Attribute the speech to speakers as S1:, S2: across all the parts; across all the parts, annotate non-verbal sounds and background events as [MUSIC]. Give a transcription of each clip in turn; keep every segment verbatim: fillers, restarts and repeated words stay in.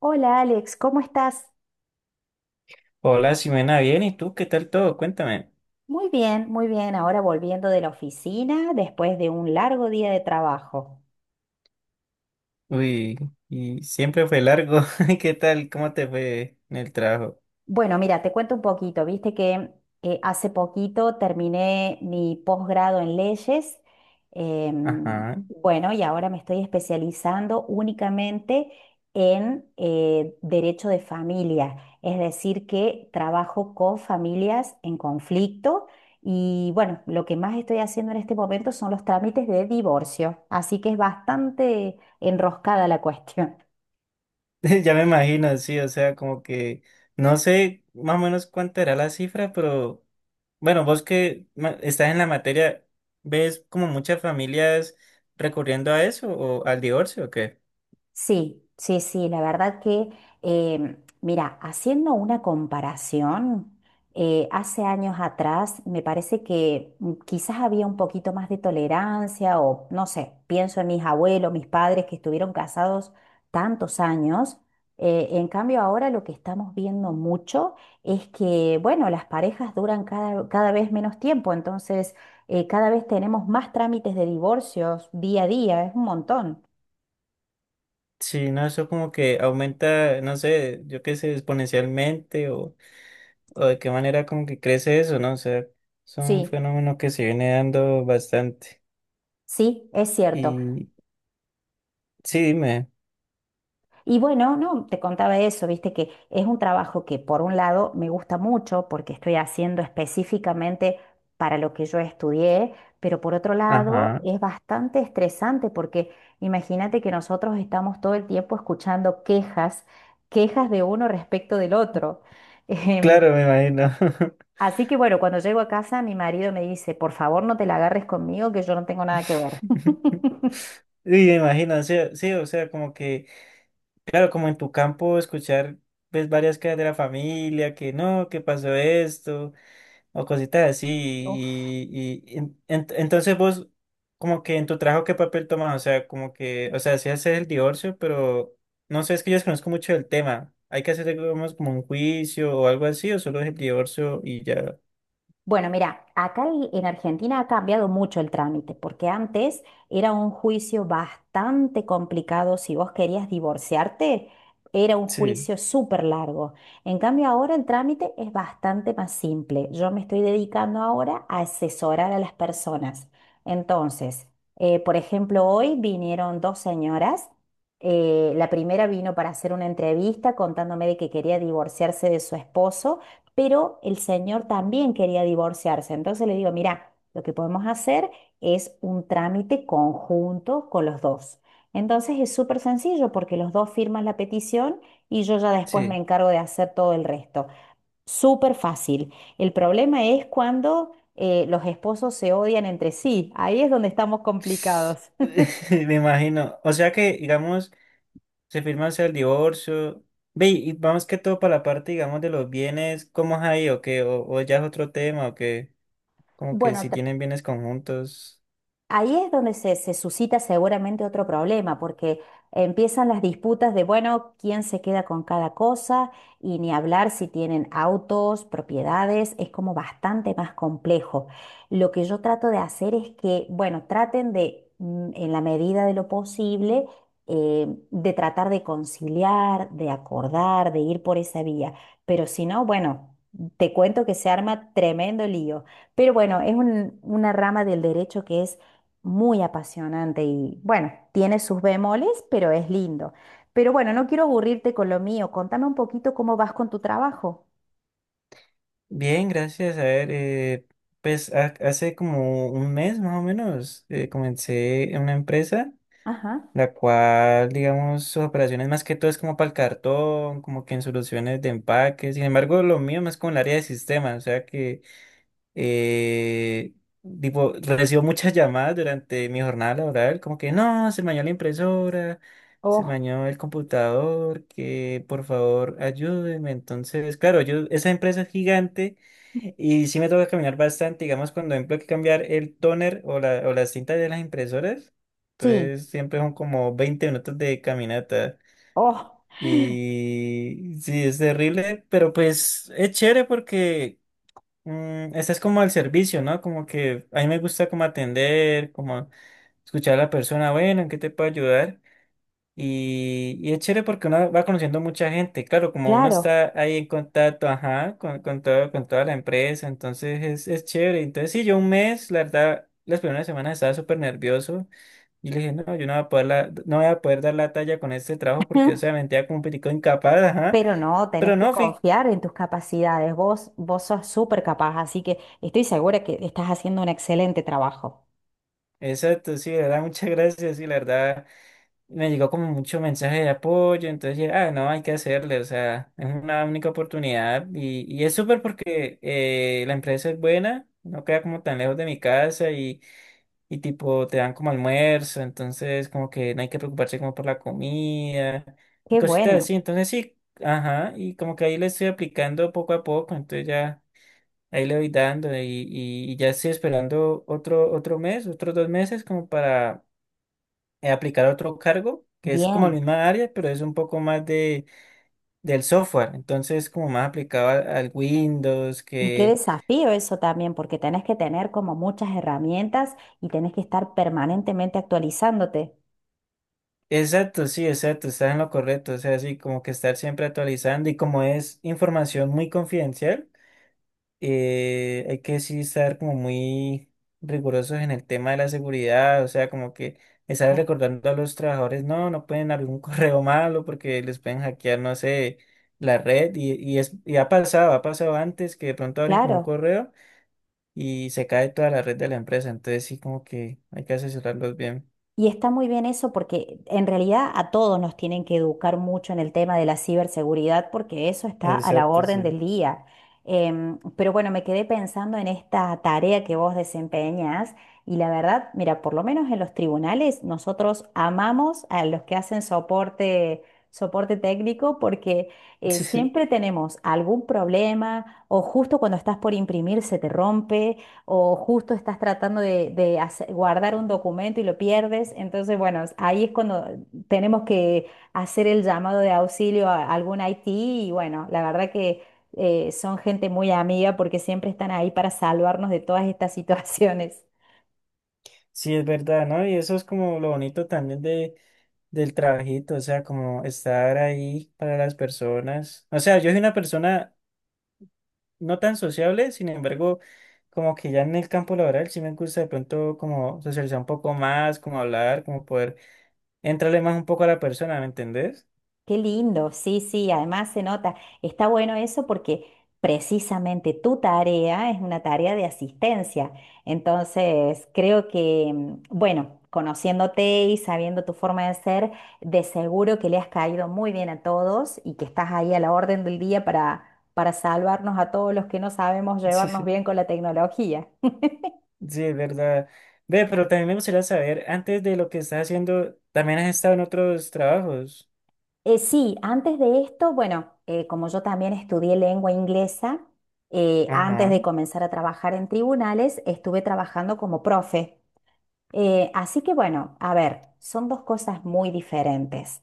S1: Hola Alex, ¿cómo estás?
S2: Hola, Ximena, bien, ¿y tú qué tal todo? Cuéntame.
S1: Muy bien, muy bien. Ahora volviendo de la oficina después de un largo día de trabajo.
S2: Uy, y siempre fue largo. [LAUGHS] ¿Qué tal? ¿Cómo te fue en el trabajo?
S1: Bueno, mira, te cuento un poquito. Viste que eh, hace poquito terminé mi posgrado en leyes. em,
S2: Ajá.
S1: bueno, y ahora me estoy especializando únicamente en eh, derecho de familia. Es decir, que trabajo con familias en conflicto. Y bueno, lo que más estoy haciendo en este momento son los trámites de divorcio. Así que es bastante enroscada la cuestión.
S2: [LAUGHS] Ya me imagino, sí, o sea, como que no sé más o menos cuánta era la cifra, pero bueno, vos que ma- estás en la materia, ¿ves como muchas familias recurriendo a eso o al divorcio o qué?
S1: Sí, sí, sí, la verdad que, eh, mira, haciendo una comparación, eh, hace años atrás me parece que mm, quizás había un poquito más de tolerancia o no sé, pienso en mis abuelos, mis padres que estuvieron casados tantos años. Eh, en cambio, ahora lo que estamos viendo mucho es que, bueno, las parejas duran cada, cada vez menos tiempo, entonces eh, cada vez tenemos más trámites de divorcios día a día, es un montón.
S2: Sí, no, eso como que aumenta, no sé, yo qué sé, exponencialmente o... o de qué manera como que crece eso, ¿no? O sea, es un
S1: Sí.
S2: fenómeno que se viene dando bastante.
S1: Sí, es cierto.
S2: Y sí, dime.
S1: Y bueno, no, te contaba eso, viste que es un trabajo que por un lado me gusta mucho porque estoy haciendo específicamente para lo que yo estudié, pero por otro lado
S2: Ajá.
S1: es bastante estresante porque imagínate que nosotros estamos todo el tiempo escuchando quejas, quejas de uno respecto del otro. [LAUGHS] Em,
S2: Claro, me imagino.
S1: Así que bueno, cuando llego a casa mi marido me dice, por favor no te la agarres conmigo que yo no tengo nada que ver.
S2: [LAUGHS]
S1: [LAUGHS]
S2: Y me imagino, o sea, sí, o sea, como que, claro, como en tu campo escuchar, ves varias quejas de la familia, que no, que pasó esto, o cositas así. Y, y- y en- en- entonces vos, como que en tu trabajo, ¿qué papel tomas? O sea, como que, o sea, sí haces el divorcio, pero no sé, es que yo desconozco mucho del tema. ¿Hay que hacer, digamos, como un juicio o algo así, o solo es el divorcio y ya?
S1: Bueno, mira, acá el- en Argentina ha cambiado mucho el trámite, porque antes era un juicio bastante complicado. Si vos querías divorciarte, era un
S2: Sí,
S1: juicio súper largo. En cambio, ahora el trámite es bastante más simple. Yo me estoy dedicando ahora a asesorar a las personas. Entonces, eh, por ejemplo, hoy vinieron dos señoras. Eh, la primera vino para hacer una entrevista contándome de que quería divorciarse de su esposo pero el señor también quería divorciarse. Entonces le digo, mira, lo que podemos hacer es un trámite conjunto con los dos. Entonces es súper sencillo porque los dos firman la petición y yo ya después me
S2: sí.
S1: encargo de hacer todo el resto. Súper fácil. El problema es cuando eh, los esposos se odian entre sí. Ahí es donde estamos complicados.
S2: [LAUGHS]
S1: [LAUGHS]
S2: Me imagino. O sea que, digamos, se firma o sea, el divorcio. Ve, y vamos que todo para la parte, digamos, de los bienes, ¿cómo es ahí o qué? ¿O, o ya es otro tema o qué? Como que
S1: Bueno,
S2: si tienen bienes conjuntos.
S1: ahí es donde se, se suscita seguramente otro problema, porque empiezan las disputas de, bueno, quién se queda con cada cosa y ni hablar si tienen autos, propiedades, es como bastante más complejo. Lo que yo trato de hacer es que, bueno, traten de, mm, en la medida de lo posible, eh, de tratar de conciliar, de acordar, de ir por esa vía, pero si no, bueno, te cuento que se arma tremendo lío. Pero bueno, es un- una rama del derecho que es muy apasionante y bueno, tiene sus bemoles, pero es lindo. Pero bueno, no quiero aburrirte con lo mío. Contame un poquito cómo vas con tu trabajo.
S2: Bien, gracias. A ver, eh, pues ha- hace como un mes más o menos, eh, comencé en una empresa,
S1: Ajá.
S2: la cual, digamos, sus operaciones más que todo es como para el cartón, como que en soluciones de empaque. Sin embargo, lo mío más como el área de sistemas, o sea que eh, tipo, recibo muchas [LAUGHS] llamadas durante mi jornada laboral, como que no, se me dañó la impresora, se me
S1: Oh,
S2: dañó el computador, que por favor ayúdenme. Entonces, claro, yo, esa empresa es gigante y sí me toca caminar bastante, digamos, cuando tengo que cambiar el toner o, la, o las cintas de las impresoras.
S1: sí.
S2: Entonces, siempre son como veinte minutos de caminata.
S1: Oh,
S2: Y sí, es terrible, pero pues es chévere porque Mm, este es como al servicio, ¿no? Como que a mí me gusta como atender, como escuchar a la persona, bueno, ¿en qué te puedo ayudar? Y, y es chévere porque uno va conociendo mucha gente, claro, como uno
S1: claro.
S2: está ahí en contacto, ajá, con, con todo, con toda la empresa, entonces es, es chévere. Entonces sí, yo un mes, la verdad, las primeras semanas estaba súper nervioso y le dije, no, yo no voy a poder, la- no voy a poder dar la talla con este trabajo porque, o sea,
S1: [LAUGHS]
S2: me sentía como un poquito incapaz, ajá.
S1: Pero no, tenés
S2: Pero
S1: que
S2: no, fui.
S1: confiar en tus capacidades. Vos, vos sos súper capaz, así que estoy segura que estás haciendo un excelente trabajo.
S2: Exacto, sí, la verdad, [LAUGHS] muchas gracias, sí, la verdad, me llegó como mucho mensaje de apoyo, entonces dije, ah, no, hay que hacerle, o sea, es una única oportunidad y, y es súper porque eh, la empresa es buena, no queda como tan lejos de mi casa y, y tipo te dan como almuerzo, entonces como que no hay que preocuparse como por la comida y
S1: Qué
S2: cositas
S1: bueno,
S2: así, entonces sí, ajá, y como que ahí le estoy aplicando poco a poco, entonces ya ahí le voy dando y, y, y ya estoy esperando otro, otro mes, otros dos meses como para eh, aplicar otro cargo que es como la
S1: bien.
S2: misma área, pero es un poco más de, del software. Entonces, como más aplicado al, al Windows,
S1: Y qué
S2: que...
S1: desafío eso también, porque tenés que tener como muchas herramientas y tenés que estar permanentemente actualizándote.
S2: Exacto, sí, exacto, estás en lo correcto. O sea, sí, como que estar siempre actualizando y como es información muy confidencial. Eh, hay que sí estar como muy rigurosos en el tema de la seguridad, o sea, como que estar
S1: Claro.
S2: recordando a los trabajadores, no, no pueden abrir un [LAUGHS] correo malo porque les pueden hackear, no sé, la red y, y, es, y ha pasado, ha pasado antes que de pronto abren como un
S1: Claro.
S2: correo y se cae toda la red de la empresa, entonces sí como que hay que asesorarlos bien.
S1: Y está muy bien eso porque en realidad a todos nos tienen que educar mucho en el tema de la ciberseguridad porque eso está a la
S2: Exacto,
S1: orden
S2: sí.
S1: del día. Em, pero bueno, me quedé pensando en esta tarea que vos desempeñas y la verdad, mira, por lo menos en los tribunales nosotros amamos a los que hacen soporte, soporte técnico porque eh, siempre
S2: [LAUGHS]
S1: tenemos algún problema o justo cuando estás por imprimir se te rompe o justo estás tratando de, de hace- guardar un documento y lo pierdes. Entonces, bueno, ahí es cuando tenemos que hacer el llamado de auxilio a algún I T y bueno, la verdad que eh, son gente muy amiga porque siempre están ahí para salvarnos de todas estas [LAUGHS] situaciones.
S2: Sí, es verdad, ¿no? Y eso es como lo bonito también de del trabajito, o sea, como estar ahí para las personas. O sea, yo soy una persona no tan sociable, sin embargo, como que ya en el campo laboral sí me gusta de pronto como socializar un poco más, como hablar, como poder entrarle más un poco a la persona, ¿me entendés?
S1: Qué lindo, sí, sí, además se nota, está bueno eso porque precisamente tu tarea es una tarea de asistencia. Entonces, creo que, mm, bueno, conociéndote y sabiendo tu forma de ser, de seguro que le has caído muy bien a todos y que estás ahí a la orden del día para, para salvarnos a todos los que no sabemos
S2: [LAUGHS] Sí,
S1: llevarnos
S2: sí,
S1: bien con la tecnología.
S2: sí, es verdad. Ve, pero también me gustaría saber, antes de lo que estás haciendo, ¿también has estado en otros trabajos?
S1: Eh, sí, antes de esto, bueno, eh, como yo también estudié lengua inglesa, eh, antes
S2: Ajá,
S1: de comenzar a trabajar en tribunales, estuve trabajando como profe. Eh, así que bueno, a ver, son dos cosas muy diferentes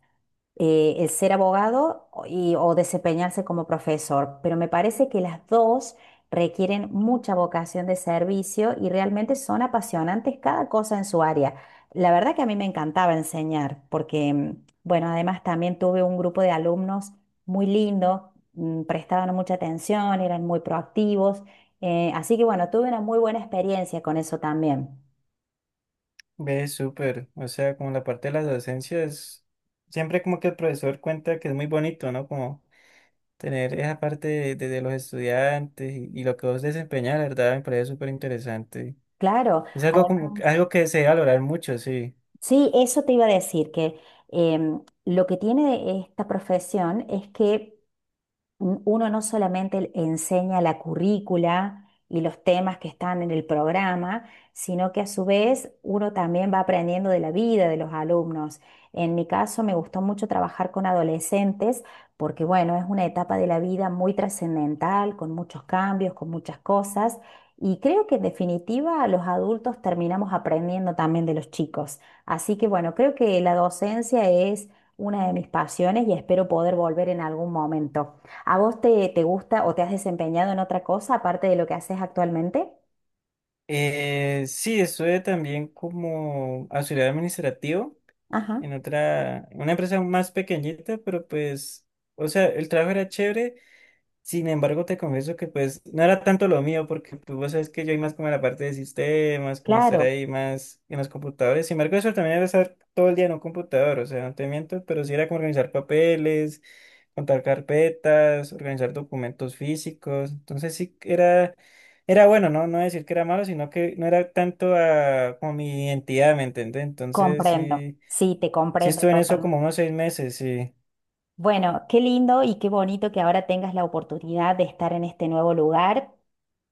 S1: eh, el ser abogado y, o desempeñarse como profesor, pero me parece que las dos requieren mucha vocación de servicio y realmente son apasionantes cada cosa en su área. La verdad que a mí me encantaba enseñar porque, mm, bueno, además también tuve un grupo de alumnos muy lindo, mm, prestaban mucha atención, eran muy proactivos, eh, así que bueno, tuve una muy buena experiencia con eso también.
S2: ve, súper. O sea, como la parte de las docencias, siempre como que el profesor cuenta que es muy bonito, ¿no? Como tener esa parte de, de- de los estudiantes y, y lo que vos desempeñas, la verdad, me parece súper interesante.
S1: Claro.
S2: Es algo,
S1: Además.
S2: como, algo que se debe valorar mucho, sí.
S1: Sí, eso te iba a decir, que em, lo que tiene esta profesión es que uno no solamente enseña la currícula y los temas que están en el programa, sino que a su vez uno también va aprendiendo de la vida de los alumnos. En mi caso me gustó mucho trabajar con adolescentes porque, bueno, es una etapa de la vida muy trascendental, con muchos cambios, con muchas cosas. Y creo que en definitiva los adultos terminamos aprendiendo también de los chicos. Así que bueno, creo que la docencia es una de mis pasiones y espero poder volver en algún momento. ¿A vos te, te gusta o te has desempeñado en otra cosa aparte de lo que haces actualmente?
S2: Eh, sí, estuve también como auxiliar administrativo
S1: Ajá,
S2: en otra, en una empresa más pequeñita, pero pues, o sea, el trabajo era chévere. Sin embargo, te confieso que pues no era tanto lo mío, porque pues vos sabes que yo hay más como en la parte de sistemas, como estar
S1: claro,
S2: ahí más en los computadores. Sin embargo, eso también era estar todo el día en un computador, o sea, no te miento, pero sí era como organizar papeles, contar carpetas, organizar documentos físicos. Entonces sí que era, era bueno, ¿no? No decir que era malo, sino que no era tanto a, como mi identidad, ¿me entiendes? Entonces
S1: comprendo.
S2: sí,
S1: Sí, te
S2: sí
S1: comprendo
S2: estuve en eso
S1: totalmente.
S2: como unos seis meses, sí.
S1: Bueno, qué lindo y qué bonito que ahora tengas la oportunidad de estar en este nuevo lugar.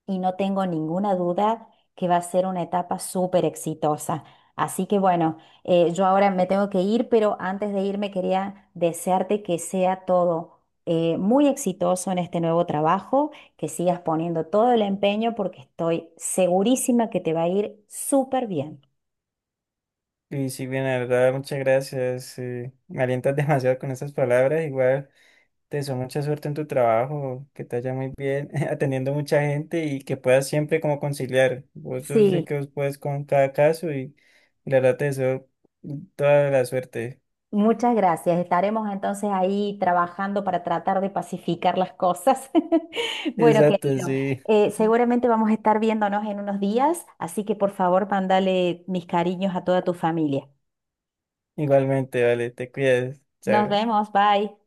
S1: Y no tengo ninguna duda que va a ser una etapa súper exitosa. Así que bueno, eh, yo ahora me tengo que ir, pero antes de irme quería desearte que sea todo eh, muy exitoso en este nuevo trabajo, que sigas poniendo todo el empeño porque estoy segurísima que te va a ir súper bien.
S2: Y sí, bien, la verdad, muchas gracias. Eh, me alientas [LAUGHS] demasiado con esas palabras. Igual te deseo mucha suerte en tu trabajo, que te vaya muy bien, [LAUGHS] atendiendo mucha gente y que puedas siempre como conciliar. Vos Yo sé
S1: Sí,
S2: que vos puedes con cada caso y, y la verdad te deseo toda la suerte.
S1: muchas gracias. Estaremos entonces ahí trabajando para tratar de pacificar las cosas. [LAUGHS] Bueno,
S2: Exacto,
S1: querido,
S2: sí.
S1: eh, seguramente vamos a estar viéndonos en unos días, así que por favor, mándale mis cariños a toda tu familia.
S2: Igualmente, vale, te cuidas.
S1: Nos
S2: Chao.
S1: vemos, bye.